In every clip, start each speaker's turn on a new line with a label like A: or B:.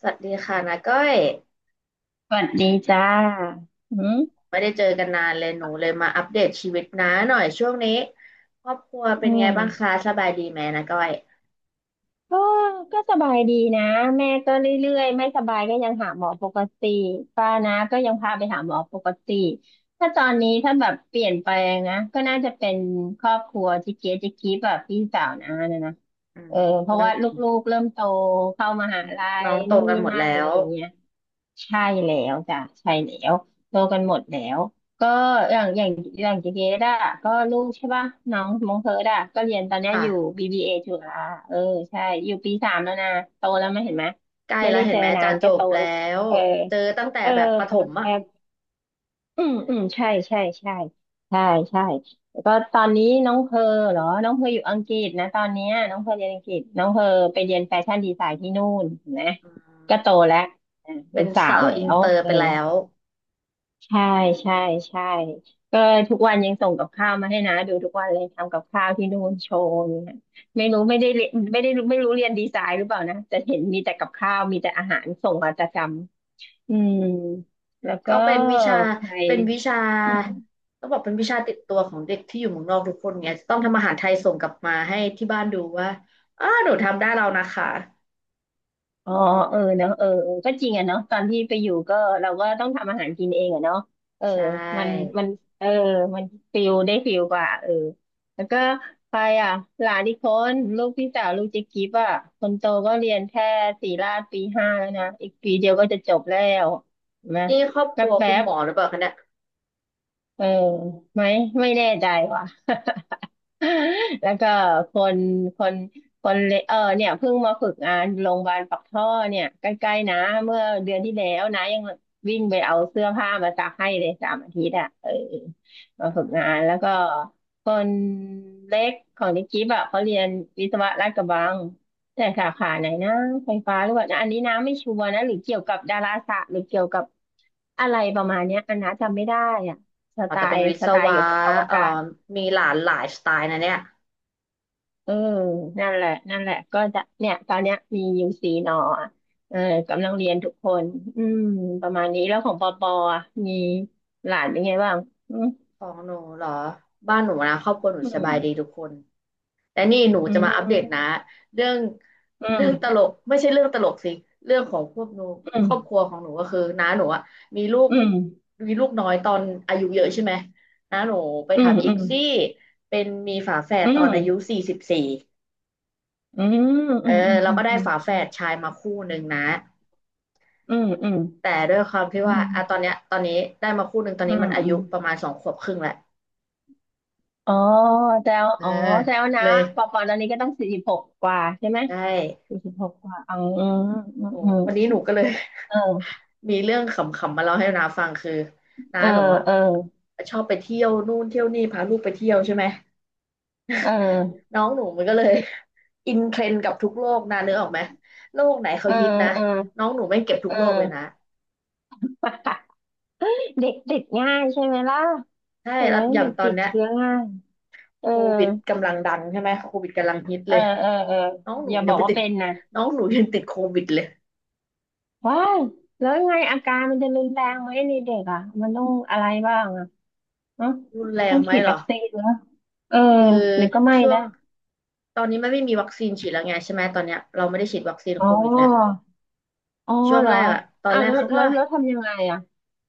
A: สวัสดีค่ะนาก้อย
B: สวัสดีจ้าอืม
A: ไม่ได้เจอกันนานเลยหนูเลยมาอัปเดตชีวิตน้าหน่อยช่วงนี้ครอบครัว
B: อื
A: เป็นไงบ้างคะ
B: ม
A: สบายดีไหมนาก้อย
B: ก็ก็สบายดีนะแม่ก็เรื่อยๆไม่สบายก็ยังหาหมอปกติป้านะก็ยังพาไปหาหมอปกติถ้าตอนนี้ถ้าแบบเปลี่ยนไปลงนะก็น่าจะเป็นครอบครัวจิเกียจิกีแบบพี่สาวนะนะนะ
A: อื
B: เอ
A: ม
B: อเพราะว่าลูกๆเริ่มโตเข้ามหาลั
A: น้อ
B: ย
A: งโต
B: นู่น
A: กัน
B: นี่
A: หมด
B: นั่
A: แล้
B: นอะไร
A: ว
B: อย่างเงี้ย ใช่แล้วจ้ะใช่แล้วโตกันหมดแล้วก็อย่างอย่างอย่างเจเกดอะก็ลูกใช่ป่ะน้องมงเธอดอะก็เรียนตอนเนี้ยอยู่
A: ค่ะ
B: BBA จุฬาเออใช่อยู่ปี 3แล้วนะโตแล้วไม่เห็นไหม
A: ใกล้
B: ไม่
A: แล้ว
B: ได้
A: เห็
B: เจ
A: น
B: อ
A: ไหม
B: นา
A: จะ
B: น
A: จ
B: ก็โต
A: บแล้
B: แล้ว
A: ว
B: เออ
A: เจอตั้งแต่
B: เออ
A: แบบประ
B: แ
A: ถมอ่ะ
B: ป๊บ อืมอืมใช่ใช่ใช่ใช่ใช่แล้วก็ตอนนี้น้องเพอเหรอน้องเพออยู่อังกฤษนะตอนเนี้ยน้องเพอเรียนอังกฤษน้องเพอไปเรียนแฟชั่นดีไซน์ที่นู่นเห็นะ
A: อื
B: ก็โต
A: ม
B: แล้วอ่ะ
A: เป็
B: เป็น
A: น
B: สา
A: สา
B: ว
A: ว
B: แล้
A: อิน
B: ว
A: เตอร์
B: เอ
A: ไป
B: อ
A: แล้ว
B: ใช่ใช่ใช่ก็ทุกวันยังส่งกับข้าวมาให้นะดูทุกวันเลยทำกับข้าวที่นู่นโชว์เนี่ยไม่รู้ไม่ได้เรียนไม่ได้รู้ไม่รู้เรียนดีไซน์หรือเปล่านะแต่เห็นมีแต่กับข้าวมีแต่อาหารส่งมาประจำอืมแล้วก็
A: ก็เป็นวิชา
B: ใคร
A: เป็นวิชาต้องบอกเป็นวิชาติดตัวของเด็กที่อยู่เมืองนอกทุกคนเนี่ยจะต้องทำอาหารไทยส่งกลับมาให้ที่บ้านดูว่าอ้าหนูทำได้แล้วนะคะ
B: อ๋อเออเนาะเออเออก็จริงอะเนาะตอนที่ไปอยู่ก็เราก็ต้องทำอาหารกินเองอะเนาะเออ
A: ใช
B: มัน
A: ่
B: มันเออมันฟิลได้ฟิลกว่าเออแล้วก็ไปอ่ะหลานอีกคนลูกพี่สาวลูกเจ๊กิฟอ่ะคนโตก็เรียนแค่ศิรราชปี 5แล้วนะอีกปีเดียวก็จะจบแล้วเห็นะ
A: นี่ครอบค
B: แป๊
A: รั
B: บ
A: ว
B: แป๊
A: คุณ
B: บ
A: หมอหรือเปล่าคะเนี่ย
B: ๆเออไม่ไม่แน่ใจว่ะ แล้วก็คนคนคนเลเออเนี่ยเพิ่งมาฝึกงานโรงพยาบาลปักท่อเนี่ยใกล้ๆนะเมื่อเดือนที่แล้วนะยังวิ่งไปเอาเสื้อผ้ามาซักให้เลย3 อาทิตย์อ่ะเออมา
A: อ๋อ
B: ฝึกงานแล้วก็คนเล็กของนิกกี้แบะเขาเรียนวิศวะลาดกระบังแต่สาขาไหนนะไฟฟ้าหรือว่านอันนี้นะไม่ชัวร์นะหรือเกี่ยวกับดาราศาสตร์หรือเกี่ยวกับอะไรประมาณเนี้ยอันนะจำไม่ได้อ่ะส
A: หมอ
B: ไต
A: จะเป็น
B: ล์
A: วิ
B: ส
A: ศ
B: ไตล์
A: วะ
B: เกี่ยวกับอว
A: เอ่อ
B: กาศ
A: มีหลานหลายสไตล์นะเนี่ย
B: เออนั่นแหละนั่นแหละก็จะเนี่ยตอนเนี้ยมียูซีนออ่ะเออกำลังเรียนทุกคนอืมประมาณนี้แล้วของปอปออ่ะมีหลานเป็นไงบ้างอืม
A: ของหนูเหรอบ้านหนูนะครอบครัวหนู
B: อ
A: สบายดี
B: ื
A: ทุกคนแต่นี่หนู
B: ม
A: จะมาอัปเดตนะเรื่อง
B: อื
A: เรื่
B: ม
A: องตลกไม่ใช่เรื่องตลกสิเรื่องของพวกหนู
B: อื
A: ครอบค
B: ม
A: รัวของหนูก็คือน้าหนูอะมีลูก
B: อืม
A: มีลูกน้อยตอนอายุเยอะใช่ไหมน้าหนูไป
B: อืม
A: ทำอี
B: อื
A: ก
B: ม
A: ซี่เป็นมีฝาแฝด
B: อื
A: ตอน
B: ม
A: อายุ44
B: อืม
A: เอ
B: อื
A: อ
B: ม
A: เรา
B: อืม
A: ก็ได้
B: อืม
A: ฝาแฝดชายมาคู่หนึ่งนะ
B: อืมอืมอืม
A: แต่ด้วยความที่
B: อื
A: ว่าอ่ะตอน
B: ม
A: เนี้ยตอนนี้ได้มาคู่หนึ่งตอน
B: อื
A: นี้
B: ม
A: มันอา
B: อื
A: ยุ
B: มอืม
A: ประมาณ2 ขวบครึ่งแหละ
B: อ๋อแจว
A: เออ
B: อ๋อแจวนะ
A: เลย
B: ปอปอตอนนี้ก็ต้องสี่สิบหกกว่าใช่ไหม
A: ได้
B: สี่สิบหกกว่าอ๋ออืม
A: หนู
B: อืม
A: วันนี้หนูก็เลย
B: เออ
A: มีเรื่องขำๆมาเล่าให้นาฟังคือน้า
B: เออ
A: หนูอ่ะ
B: เออ
A: ชอบไปเที่ยวนู่นเที่ยวนี่พาลูกไปเที่ยวใช่ไหม
B: เออ
A: น้องหนูมันก็เลย อินเทรนด์กับทุกโลกนานึกออกไหมโลกไหนเขา
B: เออ
A: ฮิตนะ
B: เออ
A: น้องหนูไม่งเก็บทุ
B: เอ
A: กโลกเลยนะ
B: อ เด็กติดง่ายใช่ไหมล่ะ
A: ใช่
B: โอ้
A: แล้ว
B: ย
A: อย่าง
B: เด็ก
A: ตอน
B: ติด
A: เนี้ย
B: เชื้อง่ายเออ
A: โควิดกำลังดังใช่ไหมโควิดกำลังฮิต
B: เอ
A: เล
B: อ
A: ย
B: เออเออ
A: น้องหนู
B: อย่า
A: มัน
B: บ
A: ยั
B: อ
A: ง
B: ก
A: ไป
B: ว่า
A: ติด
B: เป็นนะ
A: น้องหนูยังติดโควิดเลย
B: ว้ายแล้วยังไงอาการมันจะรุนแรงไหมในเด็กอ่ะมันต้องอะไรบ้างอ่ะเนอะ
A: รุนแร
B: ต้
A: ง
B: อง
A: ไหม
B: ฉีด
A: เหร
B: วั
A: อ
B: คซีนเหรอเออ
A: คือ
B: หรือก็ไม่
A: ช่วง
B: นะ
A: ตอนนี้มันไม่มีวัคซีนฉีดแล้วไงใช่ไหมตอนเนี้ยเราไม่ได้ฉีดวัคซีน
B: อ๋
A: โควิดแล้ว
B: ออ๋อ
A: ช่วง
B: เหร
A: แร
B: อ
A: กอะตอน
B: อ่ะ
A: แรก
B: แล้ว
A: เขาก็
B: แล้วแล้วทำยังไงอ่ะ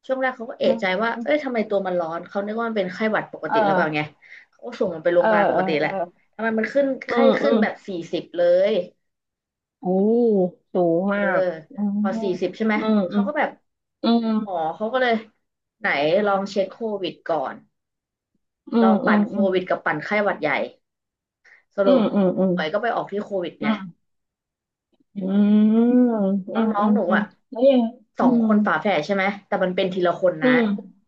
A: ช่วงแรกเขาก็เอะใจ
B: เออ
A: ว่าเอ้ยทำไมตัวมันร้อนเขานึกว่ามันเป็นไข้หวัดปก
B: เอ
A: ติหรือเปล่าไง
B: อ
A: เขาก็ส่งมันไปโร
B: เอ
A: งพ
B: อ
A: ยาบาลปกติแห
B: เออ
A: ละทำไมมันขึ้น
B: อื
A: ไข้
B: มอื
A: ขึ้น
B: ม
A: แบบสี่สิบเลย
B: โอ้สูง
A: เออ
B: มากอืม
A: พอสี่สิบใช่ไหม
B: อืมอื
A: เขา
B: ม
A: ก็แบบ
B: อืม อื
A: หมอ
B: ม
A: เขาก็เลยไหนลองเช็คโควิดก่อน
B: อื
A: ลอ
B: ม
A: ง
B: อื
A: ปั่น
B: ม
A: โค
B: อืม
A: วิดกับปั่นไข้หวัดใหญ่ส
B: อื
A: รุป
B: มอืมอืม
A: หมอยก็ไปออกที่โควิด
B: อื
A: ไง
B: มอืมอืม
A: แล้
B: อื
A: ว
B: ม
A: น้อ
B: อื
A: งหนู
B: ม
A: อ่ะ
B: แล้วยัง
A: สอ
B: อื
A: ง
B: ม
A: คนฝาแฝดใช่ไหมแต่มันเป็นทีละคน
B: อื
A: นะ
B: ม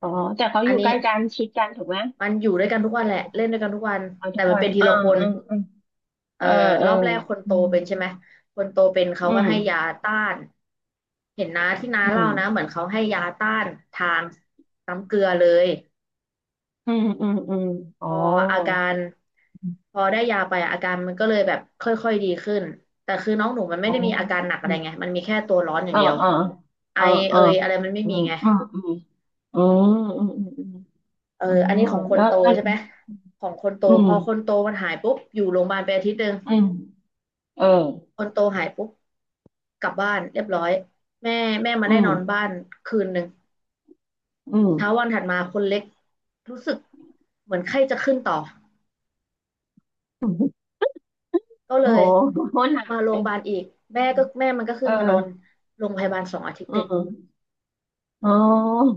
B: อ๋อแต่เขา
A: อั
B: อ
A: น
B: ยู่
A: นี้
B: ใกล้กันชิดกันถูกไหม
A: มันอยู่ด้วยกันทุกวันแหละเล่นด้วยกันทุกวัน
B: เอาทุ
A: แต่
B: ก
A: มัน
B: วัน
A: เป็นที
B: อ่า
A: ละคน
B: อืมอืม
A: เอ่
B: เอ
A: อ
B: อเอ
A: ร
B: อ
A: อบแรกคนโต
B: อื
A: เป็นใช่ไห
B: ม
A: มคนโตเป็นเขา
B: อื
A: ก็
B: ม
A: ให้ยาต้านเห็นนะที่น้า
B: อื
A: เล่า
B: ม
A: นะเหมือนเขาให้ยาต้านทางน้ำเกลือเลย
B: อืมอืมอืม
A: พ
B: อ๋อ
A: ออาการพอได้ยาไปอะอาการมันก็เลยแบบค่อยๆดีขึ้นแต่คือน้องหนูมันไม่
B: อ๋อ
A: ได้มีอาการหนักอะ
B: อื
A: ไร
B: ม
A: ไงมันมีแค่ตัวร้อนอย่า
B: เอ
A: ง
B: อ
A: เดียว
B: เออ
A: ไอ
B: เออเอ
A: เอ
B: อ
A: ยอะไรมันไม่
B: อื
A: มี
B: ม
A: ไง
B: อืมอืมอืมอืมอืม
A: เออ
B: อ๋อ
A: อันนี้ของคน
B: แล้ว
A: โต
B: แล้ว
A: ใช่ไหมของคนโต
B: อื
A: พ
B: ม
A: อคนโตมันหายปุ๊บอยู่โรงพยาบาลไปอาทิตย์หนึ่ง
B: อืมเออ
A: คนโตหายปุ๊บกลับบ้านเรียบร้อย แม่แม่มา
B: อื
A: ได้นอนบ้า
B: ม
A: นคืนหนึ่ง
B: อื
A: เช้าวันถัดมาคนเล็กรู้สึกเหมือนไข้จะขึ้นต่อ
B: ม
A: ก็เล
B: โอ้
A: ย
B: โหหนัก
A: มาโรงพยาบาล
B: เย
A: อีกแม่ก็แม่มันก็คือ
B: เอ
A: มานอน
B: อ
A: โรงพยาบาล2 อาทิตย์
B: อื
A: ติด
B: มอ๋อ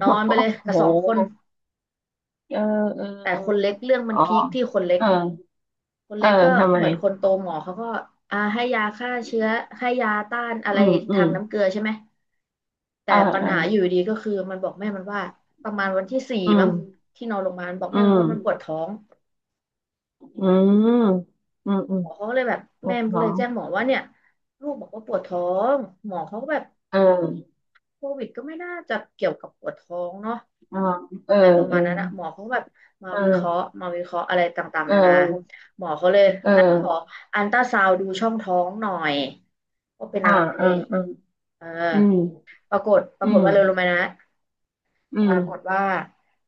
A: นอนไปเลย
B: โอ้
A: กั
B: โ
A: บสองคน
B: หเออเออ
A: แต่
B: เออ
A: คนเล็กเรื่องมั
B: อ๋
A: น
B: อ
A: พีคที่คนเล็ก
B: เออ
A: คน
B: เอ
A: เล็
B: อ
A: กก็
B: ทำไม
A: เหมือนคนโตหมอเขาก็อ่าให้ยาฆ่าเชื้อให้ยาต้านอะ
B: อื
A: ไร
B: มอื
A: ทาง
B: ม
A: น้ำเกลือใช่ไหมแต่
B: เออ
A: ปัญ
B: เออ
A: หาอยู่ดีก็คือมันบอกแม่มันว่าประมาณวันที่สี่
B: อื
A: มั้ง
B: ม
A: ที่นอนโรงพยาบาลบอก
B: อื
A: แม่มันว่ามันปว
B: ม
A: ดท้อง
B: อืมอืมอื
A: หม
B: ม
A: อเขาก็เลยแบบ
B: ปว
A: แม่
B: ด
A: มันก็
B: ท้อ
A: เลย
B: ง
A: แจ้งหมอว่าเนี่ยลูกบอกว่าปวดท้องหมอเขาก็แบบ
B: เออ
A: โควิดก็ไม่น่าจะเกี่ยวกับปวดท้องเนาะ
B: เออเอ
A: อะไรประมาณ
B: อ
A: นั้นอะหมอเขาก็แบบมา
B: เ
A: วิเคราะห์
B: ออ
A: มาวิเคราะห์อะไรต่าง
B: เอ
A: ๆนานา
B: อ
A: หมอเขาเลย
B: เออเ
A: นั่นขอ
B: ออ
A: อัลตราซาวด์ดูช่องท้องหน่อยว่าเป็น
B: อ่า
A: อะไร
B: อ่าอ่า
A: อ่
B: อืม
A: าปรากฏป
B: อื
A: รากฏ
B: ม
A: ว่าเร็วลงมานะ
B: อื
A: ป
B: ม
A: รากฏว่า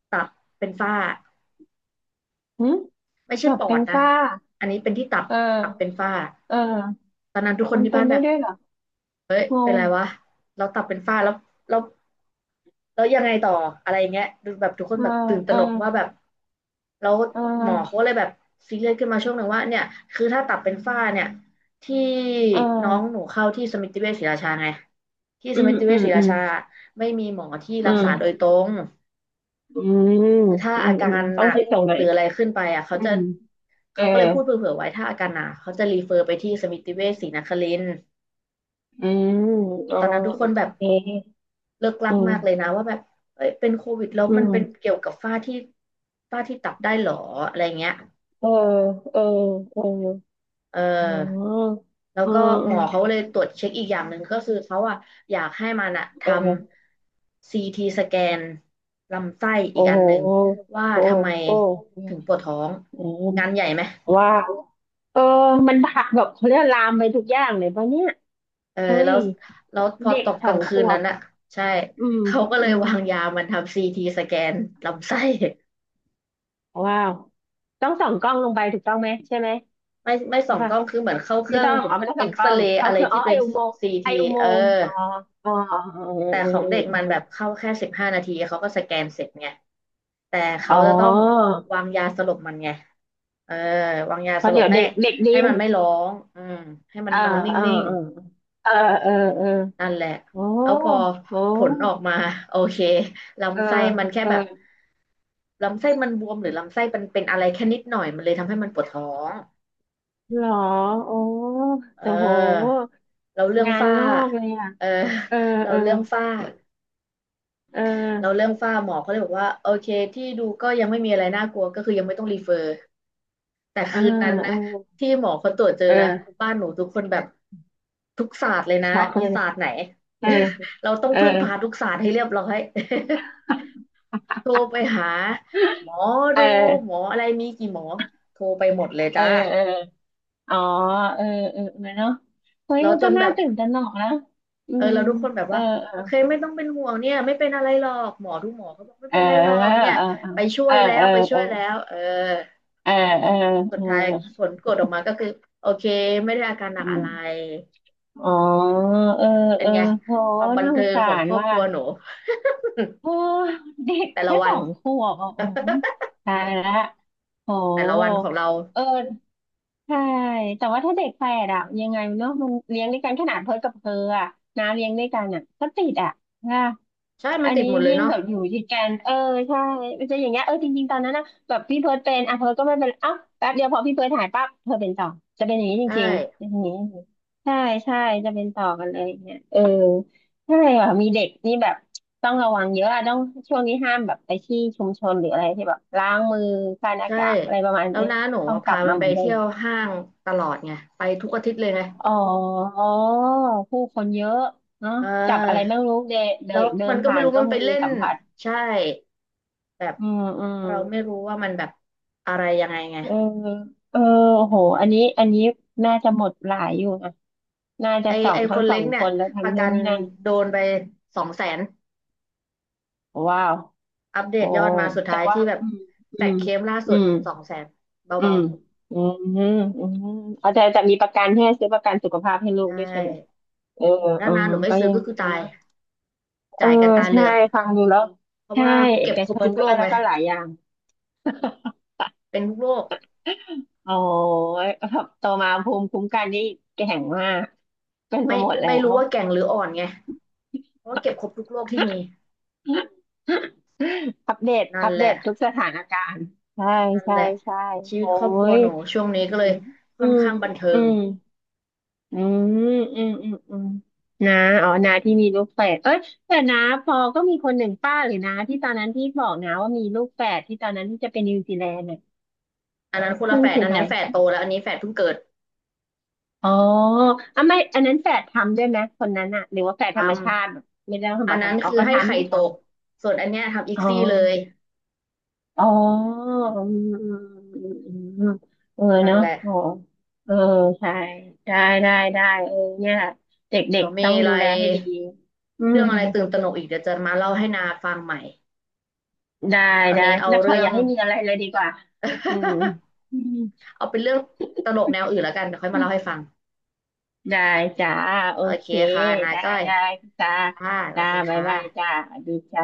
A: ตับเป็นฝ้า
B: หึ
A: ไม่
B: ก
A: ใช่
B: ลั
A: ป
B: บ
A: อ
B: เป็น
A: ดนะ
B: ฝ้า
A: อันนี้เป็นที่ตับ
B: เออ
A: ตับเป็นฝ้า
B: เออ
A: ตอนนั้นทุกคน
B: มัน
A: ที่
B: เป็
A: บ้า
B: น
A: นแบ
B: ได้
A: บ
B: ด้วยเหรอง
A: เป็นไร
B: ง
A: วะเราตับเป็นฝ้าแล้วแล้วแล้วยังไงต่ออะไรอย่างเงี้ยดูแบบทุกคน
B: เออ
A: แบบตื่นต
B: เอ
A: ระ
B: อ
A: หนกว่าแบบแล้ว
B: เ
A: หมอเขา
B: ออ
A: เลยแบบซีเรียสขึ้นมาช่วงหนึ่งว่าเนี่ยคือถ้าตับเป็นฝ้าเนี่ยที่
B: เ
A: น้องห
B: ออ
A: นูเข้าที่สมิติเวชศรีราชาไงที่
B: อื
A: สมิ
B: ม
A: ติเว
B: อื
A: ช
B: ม
A: ศรี
B: อื
A: รา
B: ม
A: ชาไม่มีหมอที่
B: อื
A: รักษาโดย
B: ม
A: ตรง
B: อืม
A: คือถ้า
B: อื
A: อา
B: ม
A: กา
B: อืม
A: รห
B: ต้อ
A: นั
B: ง
A: ก
B: คิดตรงไหน
A: ห
B: อ
A: รื
B: ย
A: ออะไรขึ้นไปอ่ะเขา
B: อื
A: จะ
B: มเออ
A: เขาก็เลยพูดเผื่อๆไว้ถ้าอาการหนักเขาจะรีเฟอร์ไปที่สมิติเวชศรีนครินทร์
B: อืมอ๋อ
A: ตอนนั้นทุกค
B: โอ
A: นแบบ
B: เค
A: เลิกลั
B: อื
A: กมากเลย
B: ม
A: นะว่าแบบเอ้ยเป็นโควิดแล้ว
B: อื
A: มันเป็น
B: ม
A: เกี่ยวกับฝ้าที่ฝ้าที่ตับได้หรออะไรเงี้ย
B: เออเออเออ
A: เอ
B: อ๋
A: อ
B: อ
A: แล้ว
B: อื
A: ก็
B: ม
A: หม
B: อื
A: อ
B: ม
A: เขาเลยตรวจเช็คอีกอย่างหนึ่งก็คือเขาอ่ะอยากให้มันอะท
B: เออ
A: ำซีทีสแกนลำไส้อี
B: โอ้
A: กอั
B: โห
A: นหนึ่งว่า
B: โอ้
A: ทำไม
B: โอ้
A: ถึงปวดท้อง
B: อืม
A: งานใหญ่ไหม
B: ว้าวเออมันผักแบบเขาเรียกลามไปทุกอย่างเลยปะเนี่ย
A: เออ
B: เฮ้
A: แล้
B: ย
A: วแล้วพอ
B: เด็
A: ต
B: ก
A: ก
B: ส
A: ก
B: อ
A: ลา
B: ง
A: ง
B: ข
A: คืน
B: ว
A: นั้
B: บ
A: นอ่ะใช่
B: อืม
A: เขาก็เล
B: อื
A: ย
B: ม
A: วางยามันทำซีทีสแกนลำไส้
B: ว้าวต้องส่องกล้องลงไปถูกต้องไหมใช่ไหม
A: ไม่ส่
B: ใช่
A: องก
B: ปะ
A: ล้องคือเหมือนเข้าเค
B: ไม่
A: รื่อ
B: ต้
A: ง
B: องอ๋อไม่ต้อง
A: เอ็
B: ส่อ
A: ก
B: งก
A: ซ
B: ล้อง
A: เรย์
B: เขา
A: อะไร
B: คืออ๋อ
A: ที่
B: ไอ
A: เป็น
B: อุโมงค์
A: ซี
B: ไอ
A: ที
B: อุโม
A: เออ
B: งค์อ๋ออ๋ออ๋อ
A: แต่
B: อื
A: ข
B: ม
A: อง
B: อื
A: เด็
B: ม
A: ก
B: อื
A: มัน
B: ม
A: แบบเข้าแค่15 นาทีเขาก็สแกนเสร็จไงแต่
B: อ๋
A: เขา
B: อ
A: จะต้องวางยาสลบมันไงเออวางยา
B: เพ
A: ส
B: ราะ
A: ลบ
B: เดี๋ยว
A: ให้
B: เด็กเด็ก
A: ให้
B: ดิน
A: มันไม่ร้องอืมให้มัน
B: อ่า
A: นอนน
B: อ่า
A: ิ่ง
B: อ่าเออเออ
A: ๆนั่นแหละ
B: เออโอ้
A: แล้วพอ
B: โห
A: ผลออกมาโอเค
B: เออ
A: ลำไส้มันแค่
B: เออ
A: แบบ ลำไส้มันบวมหรือลำไส้มันเป็นอะไรแค่นิดหน่อยมันเลยทำให้มันปวดท้อง
B: หรอโอ้
A: เ
B: แต่โห
A: ออเราเรื่อง
B: งาน
A: ฝ้า
B: งอกเลยอ่ะ
A: เออ
B: เออ
A: เรา
B: เออ
A: เรื่องฝ้า
B: เอ
A: เรา
B: อ
A: เรื่องฝ้าหมอเขาเลยบอกว่าโอเคที่ดูก็ยังไม่มีอะไรน่ากลัวก็คือยังไม่ต้องรีเฟอร์แต่
B: เออ
A: คืนนั้น
B: เอ
A: นะ
B: อ
A: ที่หมอเขาตรวจเจอ
B: เอ
A: นะ
B: อ
A: บ้านหนูทุกคนแบบทุกศาสตร์เลยนะ
B: ช็อก
A: มี
B: เลย
A: ศาสตร์ไหน
B: เออ
A: เราต้อง
B: เออ
A: พึ่งพาทุกศาสตร์ให้เรียบร้อย โทรไปหาหมอ
B: เ
A: ดูหม
B: ออ
A: ออะไรมีกี่หมอโทรไปหมดเลย
B: เออ
A: จ้า
B: เอออ๋อเออเออเออเนาะเฮ้ย
A: เรา
B: มัน
A: จ
B: ก็
A: นแบ
B: น่า
A: บ
B: ตื่นตระหนกนะอื
A: เออ
B: ม
A: เราทุกคนแบบ
B: เออ
A: ว่า
B: เอ
A: โอ
B: อ
A: เคไม่ต้องเป็นห่วงเนี่ยไม่เป็นอะไรหรอกหมอทุกหมอเขาบอกไม่
B: เออ
A: เป็นไรหรอกเนี่ย
B: เออเ
A: ไปช่ว
B: อ
A: ย
B: อ
A: แล้
B: เอ
A: ว
B: อ
A: ไปช่
B: เอ
A: ว
B: อ
A: ยแล้วเออ
B: เออเออ
A: สุ
B: เอ
A: ดท้าย
B: อ
A: ผลกดออกมาก็คือโอเคไม่ได้อาการหนัก
B: อื
A: อะ
B: ม
A: ไร
B: อ๋อเออ
A: เป็
B: เอ
A: น
B: อ
A: ไง
B: โห
A: ความบัน
B: น่าส
A: เทิ
B: ง
A: ง
B: สา
A: ของ
B: ร
A: ครอบ
B: ว่า
A: ครัวหนู
B: โอ้เด็ก
A: แต่ละ
B: แค่
A: วั
B: สอ
A: น
B: งขวบอ่ะโอ้ยตายละโห
A: แต่ละวันของเรา
B: เออ ใช่แต่ว่าถ้าเด็กแฝดอะยังไงเนาะมันเลี้ยงด้วยกันขนาดเพิร์ทกับเพออะน้าเลี้ยงด้วยกันอะก็ติดอะค่ะ
A: ใช่มั
B: อั
A: น
B: น
A: ติด
B: นี้
A: หมดเลย
B: ยิ่ง
A: เนาะ
B: แบบอยู่ติดกันเออใช่มันจะอย่างเงี้ยเออจริงๆตอนนั้นนะแบบพี่เพิร์ดเป็นอ่ะเพิร์ดก็ไม่เป็นอ้าวแป๊บเดียวพอพี่เพิร์ดหายปั๊บเธอเป็นต่อจะเป็นอย่างนี้จ
A: ใช
B: ริงๆเป็
A: ่
B: นอย่างนี้ใช่ใช่จะเป็นต่อกันเลยเนี่ยเออใช่อ่ะมีเด็กนี่แบบต้องระวังเยอะอะต้องช่วงนี้ห้ามแบบไปที่ชุมชนหรืออะไรที่แบบล้างมือคายหน้า
A: ใช่
B: กากอะไรประมาณ
A: แล้ว
B: เนี้ย
A: น้าหนู
B: ต้อง
A: อะ
B: กลั
A: พา
B: บ
A: มั
B: มา
A: น
B: เห
A: ไป
B: มือนเดิ
A: เที่
B: ม
A: ยวห้างตลอดไงไปทุกอาทิตย์เลยไง
B: อ๋อผู้คนเยอะเนาะ
A: เ
B: จับอะไร
A: ออ
B: ไม่รู้เดนเดิ
A: แล้
B: น
A: ว
B: เดิ
A: มั
B: น
A: นก็
B: ผ่า
A: ไม่
B: น
A: รู้
B: ก็
A: มันไป
B: มือ
A: เล่น
B: สัมผัส
A: ใช่ แบบ
B: อืมอืม
A: เราไม่รู้ว่ามันแบบอะไรยังไงไง
B: เออเออโหอันนี้อันนี้น่าจะหมดหลายอยู่นะ น่าจะ
A: ไอ
B: สอ
A: ไอ
B: ง
A: ค
B: ทั้ง
A: น
B: ส
A: เล็
B: อ
A: ก
B: ง
A: เนี่
B: ค
A: ย
B: นแล้ว
A: ป
B: ทั้ง
A: ระกั
B: นู้น
A: น
B: นี่นั่น
A: โดนไปสองแสน
B: ว้าว
A: อัปเด
B: โอ้
A: ตยอดมาสุด
B: แต่
A: ท้าย
B: ว่า
A: ที่แบบ
B: อืม
A: แจ
B: อื
A: ก
B: ม
A: เคมล่า
B: อื
A: สุด
B: ม
A: สองแสน
B: อื
A: เบา
B: มอืมอืมอืมเอาแต่มีประกันให้ซื้อประกันสุขภาพให้ลู
A: ๆได
B: กด้วยใช่ไหม
A: ้
B: เออ
A: โอ้โห
B: อ๋
A: ถ้า
B: อ
A: นาหนูไม่
B: ก็
A: ซื้อ
B: ยัง
A: ก็คื
B: ดี
A: อตาย
B: นะ เออ
A: จ่ายกันตาเหลื
B: ใช่
A: อก
B: ฟังดูแล้ว
A: เพราะ
B: ใช่
A: ว่า
B: เอ
A: เก็บ
B: ก
A: คร
B: ช
A: บ
B: น
A: ทุก
B: ด้
A: โร
B: วย
A: ค
B: แล้
A: ไง
B: วก็หลายอย่าง
A: เป็นทุกโรค
B: โอ้ยแบบโตมาภูมิคุ้มกันนี่แข็งมากเป็น
A: ไม่
B: มาหมดแล้
A: ไม่รู้
B: ว
A: ว่าแก่งหรืออ่อนไงเพราะว่าเก็บครบทุกโรคที่มี นั่
B: อั
A: น
B: ป
A: แห
B: เด
A: ละ
B: ตทุกสถานการณ์ใช่
A: นั่น
B: ใช่
A: แหละ
B: ใช่
A: ชีวิ
B: โอ้
A: ตครอบครัว
B: ย
A: หนูช่วงนี้ก็เล
B: อื
A: ย
B: มอื
A: ค่อน
B: ม
A: ข้างบันเทิ
B: อื
A: ง
B: มอืมอืมอืมนาอ๋อนาที่มีลูกแฝดเอ้ยแต่นาพอก็มีคนหนึ่งป้าหรือนาที่ตอนนั้นที่บอกนาว่ามีลูกแฝดที่ตอนนั้นที่จะไปนิวซีแลนด์
A: อันนั้นคนละ
B: นั่
A: แฝ
B: น
A: ด
B: คือ
A: อัน
B: ใคร
A: นี้แฝดโตแล้วอันนี้แฝดเพิ่งเกิด
B: อ๋ออ่ะไม่อันนั้นแฝดทำด้วยไหมคนนั้นอะหรือว่าแฝด
A: ท
B: ธรรมชาติไม่ได้
A: ำอั
B: ทำ
A: น
B: มา
A: นั้น
B: ทำอ๋อ
A: คือ
B: ก็
A: ให้
B: ทำเห
A: ไข่
B: มือน
A: ต
B: กัน
A: ก ส่วนอันเนี้ยทำอีก
B: อ๋อ
A: ซี่เลย
B: อ๋ออืมอืมอืมอืมอืมเออ
A: นั่น
B: เนาะ
A: แหละ
B: โอ้เออใช่ได้ได้เออเนี่ยเด็
A: เดี๋ย
B: ก
A: ว
B: ๆ
A: เมี
B: ต้อง
A: อะไร
B: ดูแลให้ดีอื
A: เรื่
B: ม
A: องอะไรตื่นตระหนกอีกเดี๋ยวจะมาเล่าให้นาฟังใหม่
B: ได้
A: ตอน
B: ได้
A: นี้เอา
B: แล้วขอ
A: เรื่อ
B: อ
A: ง
B: ย่าให้มีอะไรเลยดีกว่าอืมอืม
A: เอาเป็นเรื่องตลกแนวอื่นแล้วกันเดี๋ยวค่อยมาเล่าให้ฟัง
B: ได้จ้าโอ
A: โอเค
B: เค
A: ค่ะนา
B: ได้
A: ก้อย
B: ได้จ้า
A: ค่ะสวั
B: จ้า
A: สดี
B: บ๊าย
A: ค่
B: บายจ้า
A: ะ
B: สวัสดีจ้า